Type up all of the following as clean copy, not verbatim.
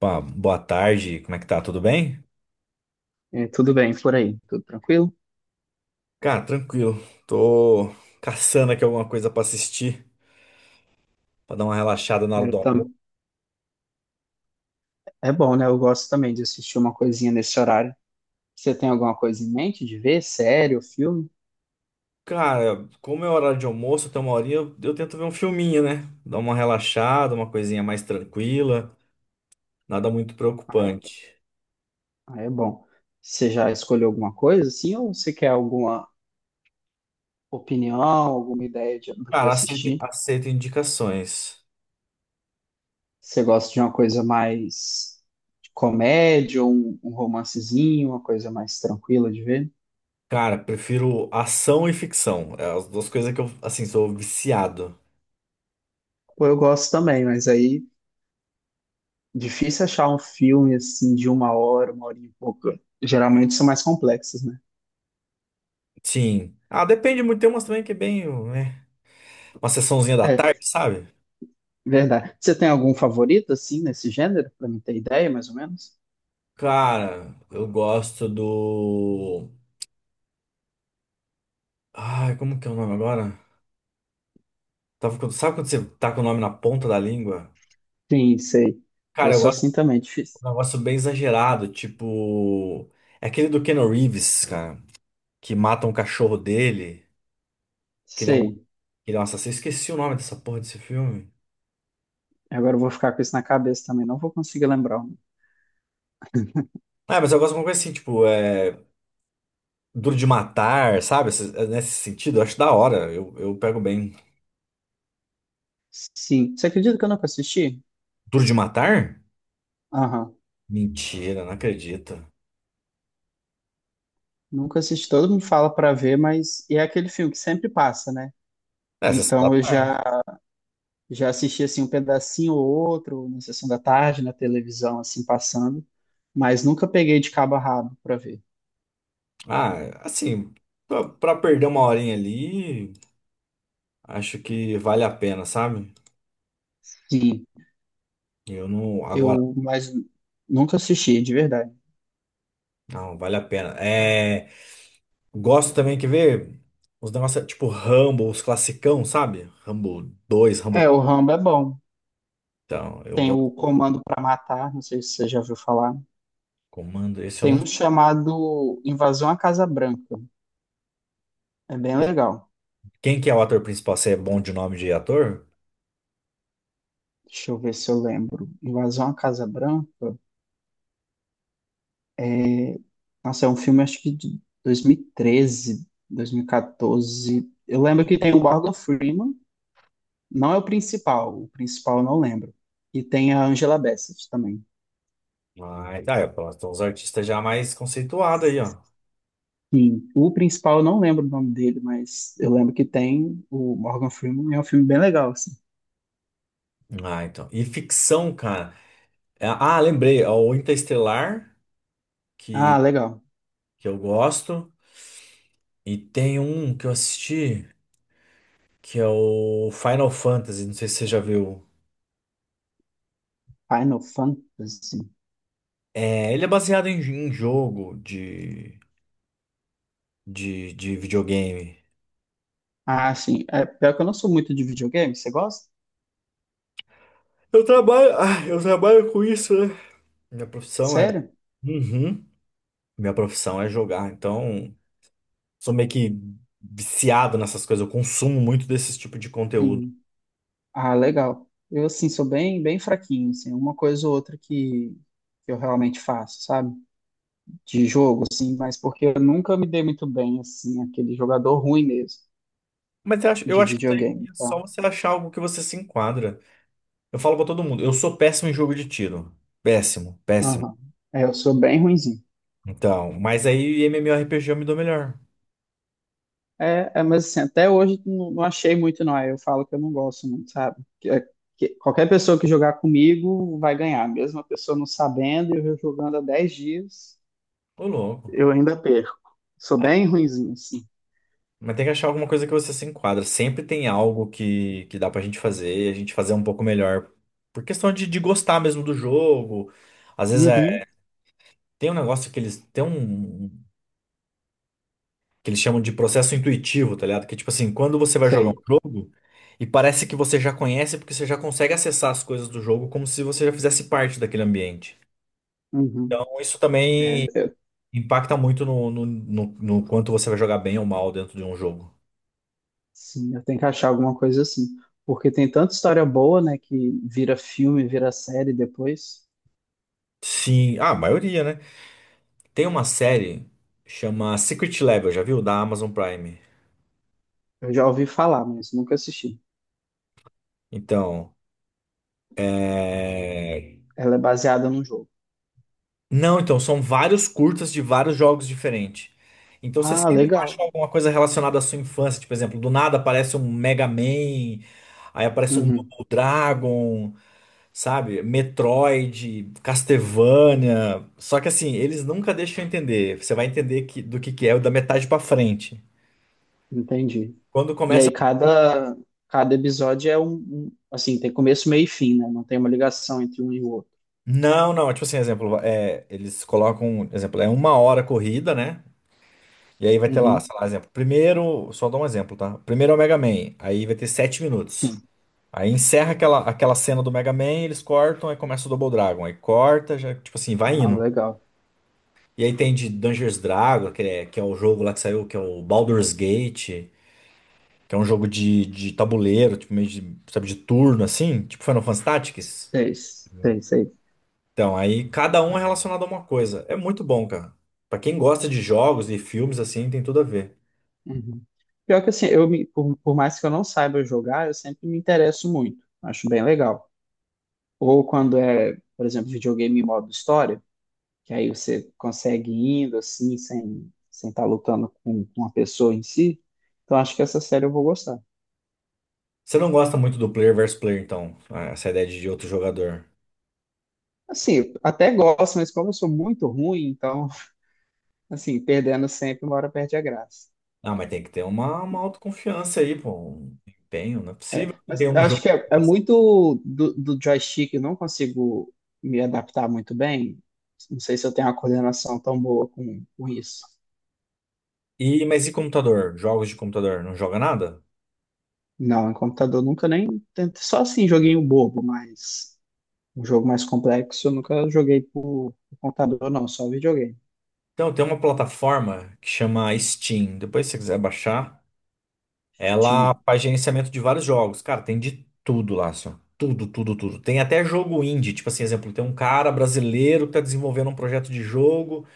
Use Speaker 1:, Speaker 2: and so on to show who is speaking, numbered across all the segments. Speaker 1: Opa, boa tarde, como é que tá? Tudo bem?
Speaker 2: É, tudo bem por aí? Tudo tranquilo?
Speaker 1: Cara, tranquilo. Tô caçando aqui alguma coisa pra assistir, pra dar uma relaxada na hora
Speaker 2: Aí
Speaker 1: do
Speaker 2: eu
Speaker 1: almoço.
Speaker 2: tam- É bom, né? Eu gosto também de assistir uma coisinha nesse horário. Você tem alguma coisa em mente de ver? Série ou filme?
Speaker 1: Cara, como é horário de almoço, até uma horinha, eu tento ver um filminho, né? Dar uma relaxada, uma coisinha mais tranquila, nada muito
Speaker 2: Ah, é,
Speaker 1: preocupante.
Speaker 2: Ah, é bom. Você já escolheu alguma coisa, assim? Ou você quer alguma opinião, alguma ideia do que
Speaker 1: Cara, aceito,
Speaker 2: assistir?
Speaker 1: aceito indicações.
Speaker 2: Você gosta de uma coisa mais de comédia, ou um romancezinho, uma coisa mais tranquila de ver?
Speaker 1: Cara, prefiro ação e ficção. É as duas coisas que eu, assim, sou viciado.
Speaker 2: Pô, eu gosto também, mas aí difícil achar um filme assim de uma hora e pouco. Geralmente são mais complexos, né?
Speaker 1: Sim. Ah, depende muito. Tem umas também que é bem, né? Uma sessãozinha da
Speaker 2: É,
Speaker 1: tarde, sabe?
Speaker 2: verdade. Você tem algum favorito, assim, nesse gênero, pra mim ter ideia, mais ou menos?
Speaker 1: Cara, eu gosto do. Ai, como que é o nome agora? Sabe quando você tá com o nome na ponta da língua?
Speaker 2: Sim, sei.
Speaker 1: Cara,
Speaker 2: Eu
Speaker 1: eu
Speaker 2: sou
Speaker 1: gosto de
Speaker 2: assim também, difícil.
Speaker 1: um negócio bem exagerado, tipo. É aquele do Keanu Reeves, cara, que mata um cachorro dele, que
Speaker 2: Sei.
Speaker 1: ele é um assassino. Esqueci o nome dessa porra desse filme.
Speaker 2: Agora eu vou ficar com isso na cabeça também, não vou conseguir lembrar.
Speaker 1: Ah, mas eu gosto de uma coisa assim, tipo, é. Duro de matar, sabe? Nesse sentido, eu acho da hora. Eu pego bem.
Speaker 2: Sim. Você acredita que eu nunca assisti?
Speaker 1: Duro de matar?
Speaker 2: Aham.
Speaker 1: Mentira, não acredito.
Speaker 2: Nunca assisti. Todo mundo fala pra ver, mas e é aquele filme que sempre passa, né?
Speaker 1: É, Sessão da
Speaker 2: Então eu
Speaker 1: Tarde.
Speaker 2: já assisti assim um pedacinho ou outro na sessão da tarde, na televisão assim passando, mas nunca peguei de cabo a rabo pra ver.
Speaker 1: Ah, assim, pra perder uma horinha ali, acho que vale a pena, sabe?
Speaker 2: Sim,
Speaker 1: Eu não. Agora,
Speaker 2: eu mas nunca assisti, de verdade.
Speaker 1: não, vale a pena. É, gosto também, quer ver? Os negócios tipo Rambo, os classicão, sabe? Rambo dois,
Speaker 2: É,
Speaker 1: Rambo.
Speaker 2: o Rambo é bom.
Speaker 1: Então, eu
Speaker 2: Tem
Speaker 1: gosto.
Speaker 2: o Comando para Matar, não sei se você já ouviu falar.
Speaker 1: Comando, esse eu
Speaker 2: Tem
Speaker 1: não
Speaker 2: um
Speaker 1: sei.
Speaker 2: chamado Invasão à Casa Branca. É bem legal.
Speaker 1: Quem que é o ator principal? Você é bom de nome de ator?
Speaker 2: Deixa eu ver se eu lembro. Invasão à Casa Branca. é, Nossa, é um filme acho que de 2013, 2014. Eu lembro que tem o Morgan Freeman. Não é o principal. O principal eu não lembro. E tem a Angela Bassett também.
Speaker 1: Ah, tá, é, pronto. Então, os artistas já mais conceituados aí, ó.
Speaker 2: Sim, o principal eu não lembro o nome dele, mas eu lembro que tem o Morgan Freeman. É um filme bem legal assim.
Speaker 1: Ah, então. E ficção, cara. Ah, lembrei, ó, o Interestelar,
Speaker 2: Ah,
Speaker 1: que,
Speaker 2: legal.
Speaker 1: que eu gosto. E tem um que eu assisti, que é o Final Fantasy, não sei se você já viu.
Speaker 2: Final Fantasy.
Speaker 1: É, ele é baseado em jogo de, de videogame.
Speaker 2: Ah, sim. É, pior que eu não sou muito de videogame. Você gosta?
Speaker 1: Eu trabalho, ah, eu trabalho com isso, né? Minha profissão é.
Speaker 2: Sério?
Speaker 1: Uhum. Minha profissão é jogar, então sou meio que viciado nessas coisas, eu consumo muito desse tipo de conteúdo.
Speaker 2: Sim. Ah, legal. Eu, assim, sou bem, bem fraquinho, assim. Uma coisa ou outra que eu realmente faço, sabe? De jogo, assim. Mas porque eu nunca me dei muito bem, assim. Aquele jogador ruim mesmo
Speaker 1: Mas eu acho, eu
Speaker 2: de
Speaker 1: acho que isso aí
Speaker 2: videogame.
Speaker 1: é só
Speaker 2: Então,
Speaker 1: você achar algo que você se enquadra. Eu falo pra todo mundo, eu sou péssimo em jogo de tiro. Péssimo, péssimo.
Speaker 2: aham. É, eu sou bem ruim.
Speaker 1: Então, mas aí MMORPG eu me dou melhor.
Speaker 2: É, mas assim, até hoje não, não achei muito, não. Aí eu falo que eu não gosto muito, sabe? Que qualquer pessoa que jogar comigo vai ganhar. Mesmo a pessoa não sabendo, e eu jogando há 10 dias,
Speaker 1: Ô, louco.
Speaker 2: eu ainda perco. Sou
Speaker 1: Ai,
Speaker 2: bem ruinzinho, assim.
Speaker 1: mas tem que achar alguma coisa que você se enquadra. Sempre tem algo que dá pra gente fazer, a gente fazer um pouco melhor. Por questão de gostar mesmo do jogo. Às vezes é,
Speaker 2: Uhum,
Speaker 1: tem um negócio que eles tem um que eles chamam de processo intuitivo, tá ligado? Que tipo assim, quando você vai jogar um
Speaker 2: sei.
Speaker 1: jogo e parece que você já conhece porque você já consegue acessar as coisas do jogo como se você já fizesse parte daquele ambiente.
Speaker 2: Uhum.
Speaker 1: Então, isso
Speaker 2: É,
Speaker 1: também impacta muito no quanto você vai jogar bem ou mal dentro de um jogo.
Speaker 2: sim, eu tenho que achar alguma coisa assim. Porque tem tanta história boa, né, que vira filme, vira série depois.
Speaker 1: Sim, ah, a maioria, né? Tem uma série chama Secret Level, já viu? Da Amazon Prime.
Speaker 2: Eu já ouvi falar, mas nunca assisti.
Speaker 1: Então, é...
Speaker 2: Ela é baseada num jogo.
Speaker 1: Não, então, são vários curtas de vários jogos diferentes. Então você
Speaker 2: Ah,
Speaker 1: sempre vai achar
Speaker 2: legal.
Speaker 1: alguma coisa relacionada à sua infância. Tipo, por exemplo, do nada aparece um Mega Man, aí aparece um
Speaker 2: Uhum,
Speaker 1: Double Dragon. Sabe? Metroid, Castlevania. Só que assim, eles nunca deixam eu entender. Você vai entender que é o da metade pra frente.
Speaker 2: entendi.
Speaker 1: Quando
Speaker 2: E
Speaker 1: começa.
Speaker 2: aí cada episódio é assim, tem começo, meio e fim, né? Não tem uma ligação entre um e o outro.
Speaker 1: Não, não, tipo assim, exemplo, é, eles colocam, exemplo, é uma hora a corrida, né? E aí vai ter lá,
Speaker 2: Uhum.
Speaker 1: sei lá, exemplo, primeiro, só dou um exemplo, tá? Primeiro é o Mega Man, aí vai ter sete minutos.
Speaker 2: Sim.
Speaker 1: Aí encerra aquela cena do Mega Man, eles cortam, aí começa o Double Dragon, aí corta, já, tipo assim, vai
Speaker 2: Ah,
Speaker 1: indo.
Speaker 2: legal.
Speaker 1: E aí tem de Dungeons Dragon, que é o jogo lá que saiu, que é o Baldur's Gate. Que é um jogo de tabuleiro, tipo, meio de, sabe, de turno, assim. Tipo Final Fantasy Tactics.
Speaker 2: Seis, seis, seis.
Speaker 1: Então, aí cada um é relacionado a uma coisa. É muito bom, cara. Pra quem gosta de jogos e filmes, assim, tem tudo a ver.
Speaker 2: Uhum. Pior que assim, eu por mais que eu não saiba jogar, eu sempre me interesso muito. Acho bem legal. Ou quando é, por exemplo, videogame em modo história, que aí você consegue ir indo assim, sem estar lutando com uma pessoa em si. Então acho que essa série eu vou gostar.
Speaker 1: Você não gosta muito do player versus player, então. Ah, essa ideia de outro jogador.
Speaker 2: Assim, eu até gosto, mas como eu sou muito ruim, então assim, perdendo sempre, uma hora perde a graça.
Speaker 1: Ah, mas tem que ter uma autoconfiança aí, pô. Um empenho. Não é possível que não ter
Speaker 2: Mas eu
Speaker 1: um
Speaker 2: acho
Speaker 1: jogo.
Speaker 2: que é muito do joystick, eu não consigo me adaptar muito bem. Não sei se eu tenho uma coordenação tão boa com isso.
Speaker 1: E, mas e computador? Jogos de computador? Não joga nada?
Speaker 2: Não, em computador nunca nem tentei. Só assim, joguinho bobo, mas um jogo mais complexo eu nunca joguei por computador, não, só videogame.
Speaker 1: Então, tem uma plataforma que chama Steam. Depois, se você quiser baixar. Ela
Speaker 2: Steam.
Speaker 1: faz gerenciamento de vários jogos. Cara, tem de tudo lá, assim, ó. Tudo, tudo, tudo. Tem até jogo indie. Tipo assim, exemplo, tem um cara brasileiro que tá desenvolvendo um projeto de jogo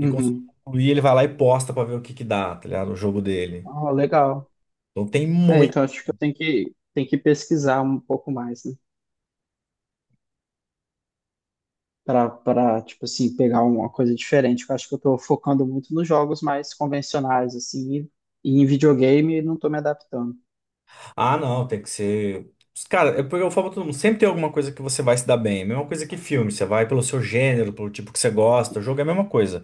Speaker 1: e conseguiu concluir, ele vai lá e posta pra ver o que que dá, tá ligado? O jogo dele.
Speaker 2: Ah, legal.
Speaker 1: Então tem
Speaker 2: É,
Speaker 1: muito.
Speaker 2: então acho que eu tenho que pesquisar um pouco mais, né? para tipo assim, pegar uma coisa diferente. Eu acho que eu tô focando muito nos jogos mais convencionais, assim, e, em videogame não tô me adaptando.
Speaker 1: Ah, não, tem que ser. Cara, é porque eu falo pra todo mundo, sempre tem alguma coisa que você vai se dar bem. Mesma coisa que filme, você vai pelo seu gênero, pelo tipo que você gosta. O jogo é a mesma coisa.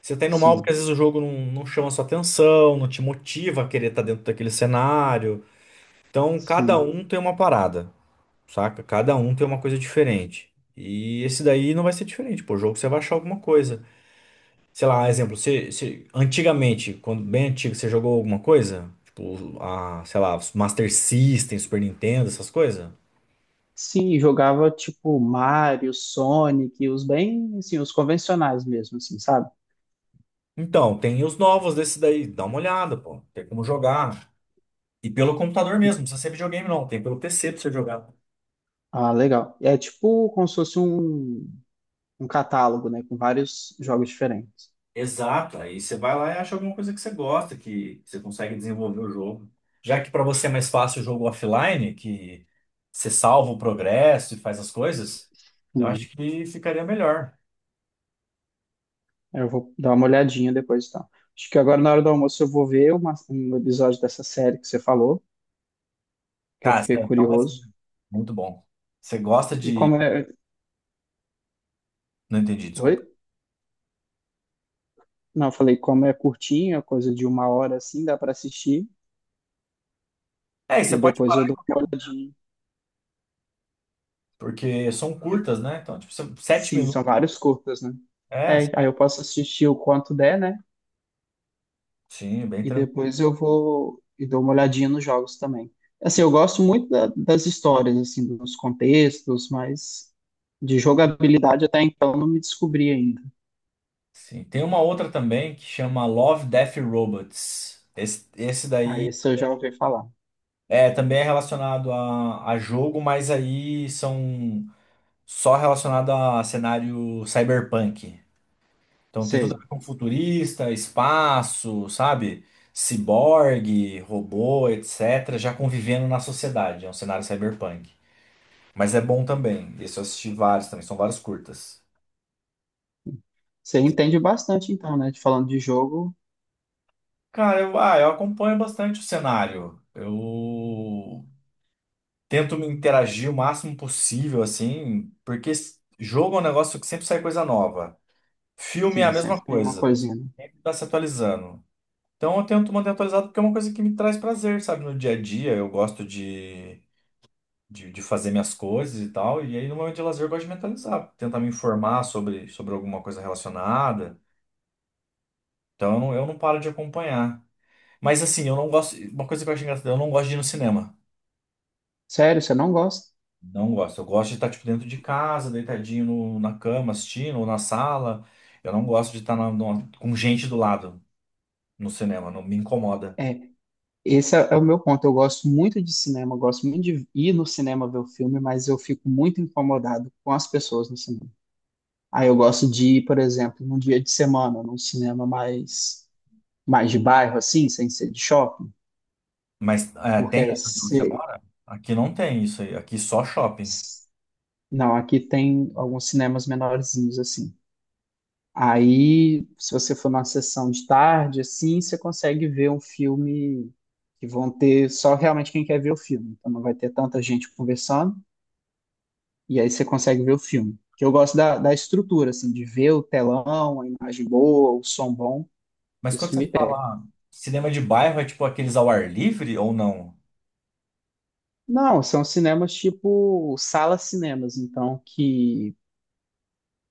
Speaker 1: Você tá indo mal porque
Speaker 2: Sim,
Speaker 1: às vezes o jogo não chama sua atenção, não te motiva a querer estar dentro daquele cenário. Então, cada
Speaker 2: sim.
Speaker 1: um tem uma parada, saca? Cada um tem uma coisa diferente. E esse daí não vai ser diferente, pô. O jogo você vai achar alguma coisa. Sei lá, exemplo, antigamente, quando bem antigo, você jogou alguma coisa? Tipo, a, sei lá, Master System, Super Nintendo, essas coisas?
Speaker 2: Sim, jogava tipo Mario, Sonic, os bem, assim, os convencionais mesmo, assim, sabe?
Speaker 1: Então, tem os novos desse daí. Dá uma olhada, pô. Tem como jogar. E pelo computador mesmo, não precisa ser videogame, não. Tem pelo PC pra você jogar.
Speaker 2: Ah, legal. É tipo como se fosse um catálogo, né, com vários jogos diferentes.
Speaker 1: Exato, aí você vai lá e acha alguma coisa que você gosta, que você consegue desenvolver o jogo. Já que para você é mais fácil o jogo offline, que você salva o progresso e faz as coisas, eu acho
Speaker 2: Sim.
Speaker 1: que ficaria melhor.
Speaker 2: Eu vou dar uma olhadinha depois, então. Acho que agora na hora do almoço eu vou ver um episódio dessa série que você falou, que eu
Speaker 1: Cara,
Speaker 2: fiquei
Speaker 1: então é
Speaker 2: curioso.
Speaker 1: muito bom. Você gosta
Speaker 2: E
Speaker 1: de.
Speaker 2: como é.
Speaker 1: Não entendi, desculpa.
Speaker 2: Oi? Não, eu falei, como é curtinho, é coisa de uma hora assim, dá para assistir.
Speaker 1: É, e você
Speaker 2: E
Speaker 1: pode
Speaker 2: depois
Speaker 1: parar
Speaker 2: eu
Speaker 1: em
Speaker 2: dou
Speaker 1: qualquer
Speaker 2: uma
Speaker 1: momento,
Speaker 2: olhadinha.
Speaker 1: porque são curtas, né? Então, tipo, são sete
Speaker 2: Sim, são
Speaker 1: minutos.
Speaker 2: vários curtas, né?
Speaker 1: É,
Speaker 2: É, aí eu posso assistir o quanto der, né?
Speaker 1: sim, bem
Speaker 2: E
Speaker 1: tranquilo.
Speaker 2: depois eu vou e dou uma olhadinha nos jogos também. Assim, eu gosto muito das histórias, assim, dos contextos, mas de jogabilidade até então não me descobri ainda.
Speaker 1: Sim. Tem uma outra também que chama Love, Death e Robots. Esse
Speaker 2: Aí
Speaker 1: daí.
Speaker 2: esse eu já ouvi falar.
Speaker 1: É, também é relacionado a jogo, mas aí são só relacionado a cenário cyberpunk. Então tem tudo a
Speaker 2: Sei.
Speaker 1: ver com futurista, espaço, sabe? Ciborgue, robô, etc. Já convivendo na sociedade. É um cenário cyberpunk. Mas é bom também. Esse eu assisti vários também, são vários curtas.
Speaker 2: Você entende bastante então, né? De falando de jogo,
Speaker 1: Cara, eu, ah, eu acompanho bastante o cenário. Eu tento me interagir o máximo possível, assim, porque jogo é um negócio que sempre sai coisa nova. Filme é a
Speaker 2: sim,
Speaker 1: mesma
Speaker 2: sempre tem uma
Speaker 1: coisa,
Speaker 2: coisinha, né?
Speaker 1: sempre tá se atualizando. Então eu tento manter atualizado porque é uma coisa que me traz prazer, sabe? No dia a dia eu gosto de, de fazer minhas coisas e tal, e aí no momento de lazer eu gosto de mentalizar, tentar me informar sobre, sobre alguma coisa relacionada. Então eu não paro de acompanhar. Mas assim, eu não gosto. Uma coisa que eu acho engraçada, eu não gosto de ir no cinema.
Speaker 2: Sério, você não gosta?
Speaker 1: Não gosto. Eu gosto de estar, tipo, dentro de casa, deitadinho na cama, assistindo, ou na sala. Eu não gosto de estar com gente do lado no cinema, não me incomoda.
Speaker 2: É, esse é o meu ponto. Eu gosto muito de cinema, eu gosto muito de ir no cinema ver o filme, mas eu fico muito incomodado com as pessoas no cinema. Aí eu gosto de ir, por exemplo, num dia de semana, num cinema mais de bairro, assim, sem ser de shopping,
Speaker 1: Mas é, tem
Speaker 2: porque
Speaker 1: aí onde você mora? Aqui não tem isso aí, aqui só shopping.
Speaker 2: se- não, aqui tem alguns cinemas menorzinhos, assim. Aí, se você for numa sessão de tarde, assim, você consegue ver um filme que vão ter só realmente quem quer ver o filme. Então não vai ter tanta gente conversando, e aí você consegue ver o filme. Que eu gosto da estrutura, assim, de ver o telão, a imagem boa, o som bom.
Speaker 1: Mas quando
Speaker 2: Isso me
Speaker 1: você
Speaker 2: pega.
Speaker 1: fala cinema de bairro, é tipo aqueles ao ar livre ou não?
Speaker 2: Não, são cinemas tipo salas cinemas, então que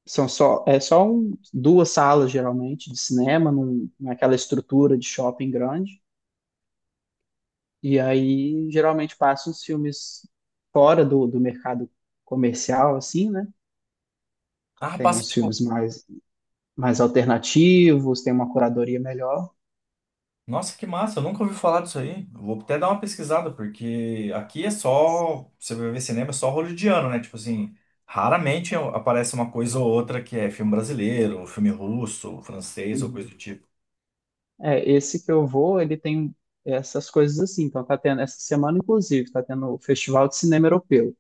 Speaker 2: são só duas salas geralmente de cinema, naquela estrutura de shopping grande. E aí, geralmente, passam os filmes fora do mercado comercial, assim, né?
Speaker 1: Ah,
Speaker 2: Tem
Speaker 1: passa,
Speaker 2: uns
Speaker 1: tipo,
Speaker 2: filmes mais alternativos, tem uma curadoria melhor.
Speaker 1: nossa, que massa, eu nunca ouvi falar disso aí. Eu vou até dar uma pesquisada, porque aqui é só. Você vai ver cinema, é só hollywoodiano, né? Tipo assim, raramente aparece uma coisa ou outra que é filme brasileiro, filme russo, francês ou coisa do
Speaker 2: Uhum.
Speaker 1: tipo.
Speaker 2: É, esse que eu vou, ele tem essas coisas assim. Então, tá tendo, essa semana, inclusive, tá tendo o Festival de Cinema Europeu.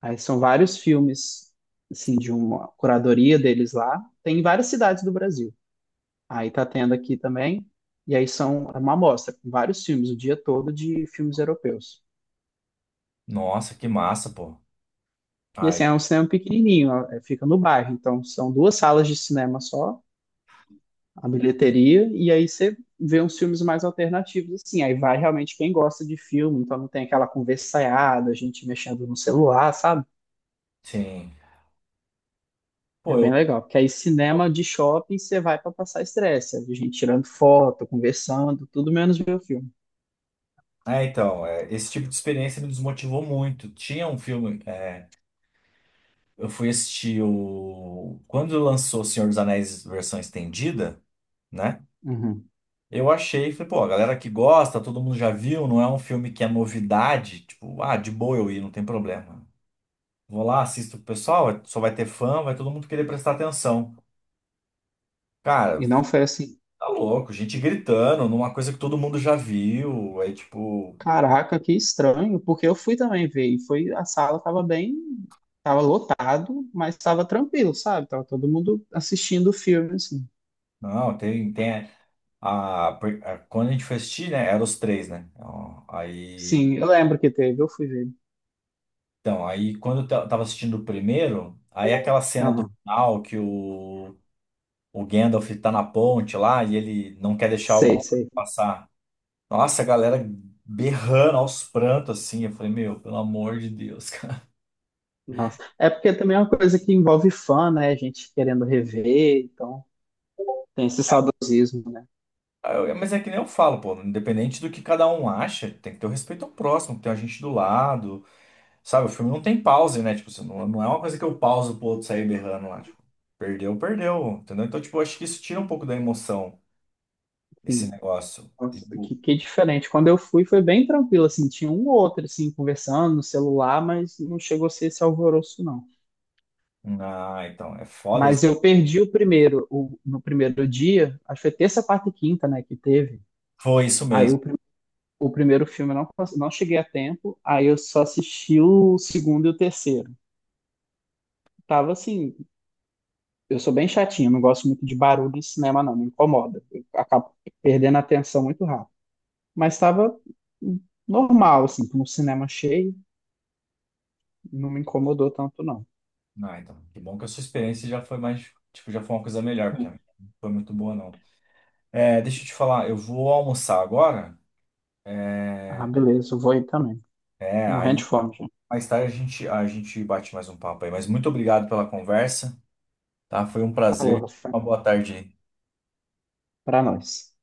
Speaker 2: Aí são vários filmes, assim, de uma curadoria deles lá. Tem em várias cidades do Brasil. Aí tá tendo aqui também. E aí são é uma amostra, com vários filmes, o dia todo de filmes europeus.
Speaker 1: Nossa, que massa, pô.
Speaker 2: E
Speaker 1: Aí,
Speaker 2: assim, é um cinema pequenininho, ó, é, fica no bairro. Então, são duas salas de cinema só, a bilheteria, e aí você vê uns filmes mais alternativos, assim. Aí vai realmente quem gosta de filme, então não tem aquela conversaiada, gente mexendo no celular, sabe?
Speaker 1: sim.
Speaker 2: É
Speaker 1: Pô,
Speaker 2: bem
Speaker 1: eu.
Speaker 2: legal, porque aí cinema de shopping você vai para passar estresse, a gente tirando foto, conversando, tudo menos ver o filme.
Speaker 1: É, então, é, esse tipo de experiência me desmotivou muito. Tinha um filme. É, eu fui assistir o. Quando lançou Senhor dos Anéis versão estendida, né?
Speaker 2: Uhum.
Speaker 1: Eu achei, falei, pô, a galera que gosta, todo mundo já viu, não é um filme que é novidade, tipo, ah, de boa eu ir, não tem problema. Vou lá, assisto com o pessoal, só vai ter fã, vai todo mundo querer prestar atenção. Cara,
Speaker 2: E não foi assim.
Speaker 1: tá louco, gente gritando numa coisa que todo mundo já viu, aí tipo,
Speaker 2: Caraca, que estranho, porque eu fui também ver e foi a sala tava bem, tava lotado, mas tava tranquilo, sabe? Tava todo mundo assistindo o filme assim.
Speaker 1: não, tem a, quando a gente foi assistir, né, eram os três, né, ó, aí,
Speaker 2: Sim, eu lembro que teve, eu fui ver.
Speaker 1: então, aí quando eu tava assistindo o primeiro, aí aquela cena do
Speaker 2: Aham.
Speaker 1: final que o Gandalf tá na ponte lá e ele não quer deixar o
Speaker 2: Sei,
Speaker 1: Balrog
Speaker 2: sei.
Speaker 1: passar. Nossa, a galera berrando aos prantos assim. Eu falei, meu, pelo amor de Deus, cara.
Speaker 2: Nossa. É porque também é uma coisa que envolve fã, né? A gente querendo rever, então tem esse saudosismo, né?
Speaker 1: Mas é que nem eu falo, pô, independente do que cada um acha, tem que ter o respeito ao próximo, tem a gente do lado, sabe? O filme não tem pause, né? Tipo, você não, não é uma coisa que eu pauso pro outro sair berrando lá, tipo, perdeu, perdeu, entendeu? Então, tipo, eu acho que isso tira um pouco da emoção, esse
Speaker 2: Enfim,
Speaker 1: negócio.
Speaker 2: nossa, que,
Speaker 1: Tipo,
Speaker 2: que diferente. Quando eu fui foi bem tranquilo assim, tinha um ou outro assim conversando no celular, mas não chegou a ser esse alvoroço não.
Speaker 1: ah, então, é foda.
Speaker 2: Mas eu perdi o primeiro, no primeiro dia, acho que foi terça, quarta e quinta, né, que teve.
Speaker 1: Foi isso
Speaker 2: Aí
Speaker 1: mesmo.
Speaker 2: o primeiro filme eu não cheguei a tempo, aí eu só assisti o segundo e o terceiro. Tava assim, eu sou bem chatinho, não gosto muito de barulho em cinema, não, me incomoda. Eu acabo perdendo a atenção muito rápido. Mas tava normal, assim, com o cinema cheio, não me incomodou tanto, não.
Speaker 1: Ah, então, que bom que a sua experiência já foi mais, tipo, já foi uma coisa melhor, porque a minha não foi muito boa, não. É, deixa eu te falar, eu vou almoçar agora, é,
Speaker 2: Ah, beleza, eu vou ir também.
Speaker 1: é,
Speaker 2: Morrendo
Speaker 1: aí
Speaker 2: de fome, gente.
Speaker 1: mais tarde a gente bate mais um papo aí, mas muito obrigado pela conversa, tá? Foi um
Speaker 2: Falou,
Speaker 1: prazer,
Speaker 2: Rafa.
Speaker 1: uma boa tarde aí.
Speaker 2: Pra nós.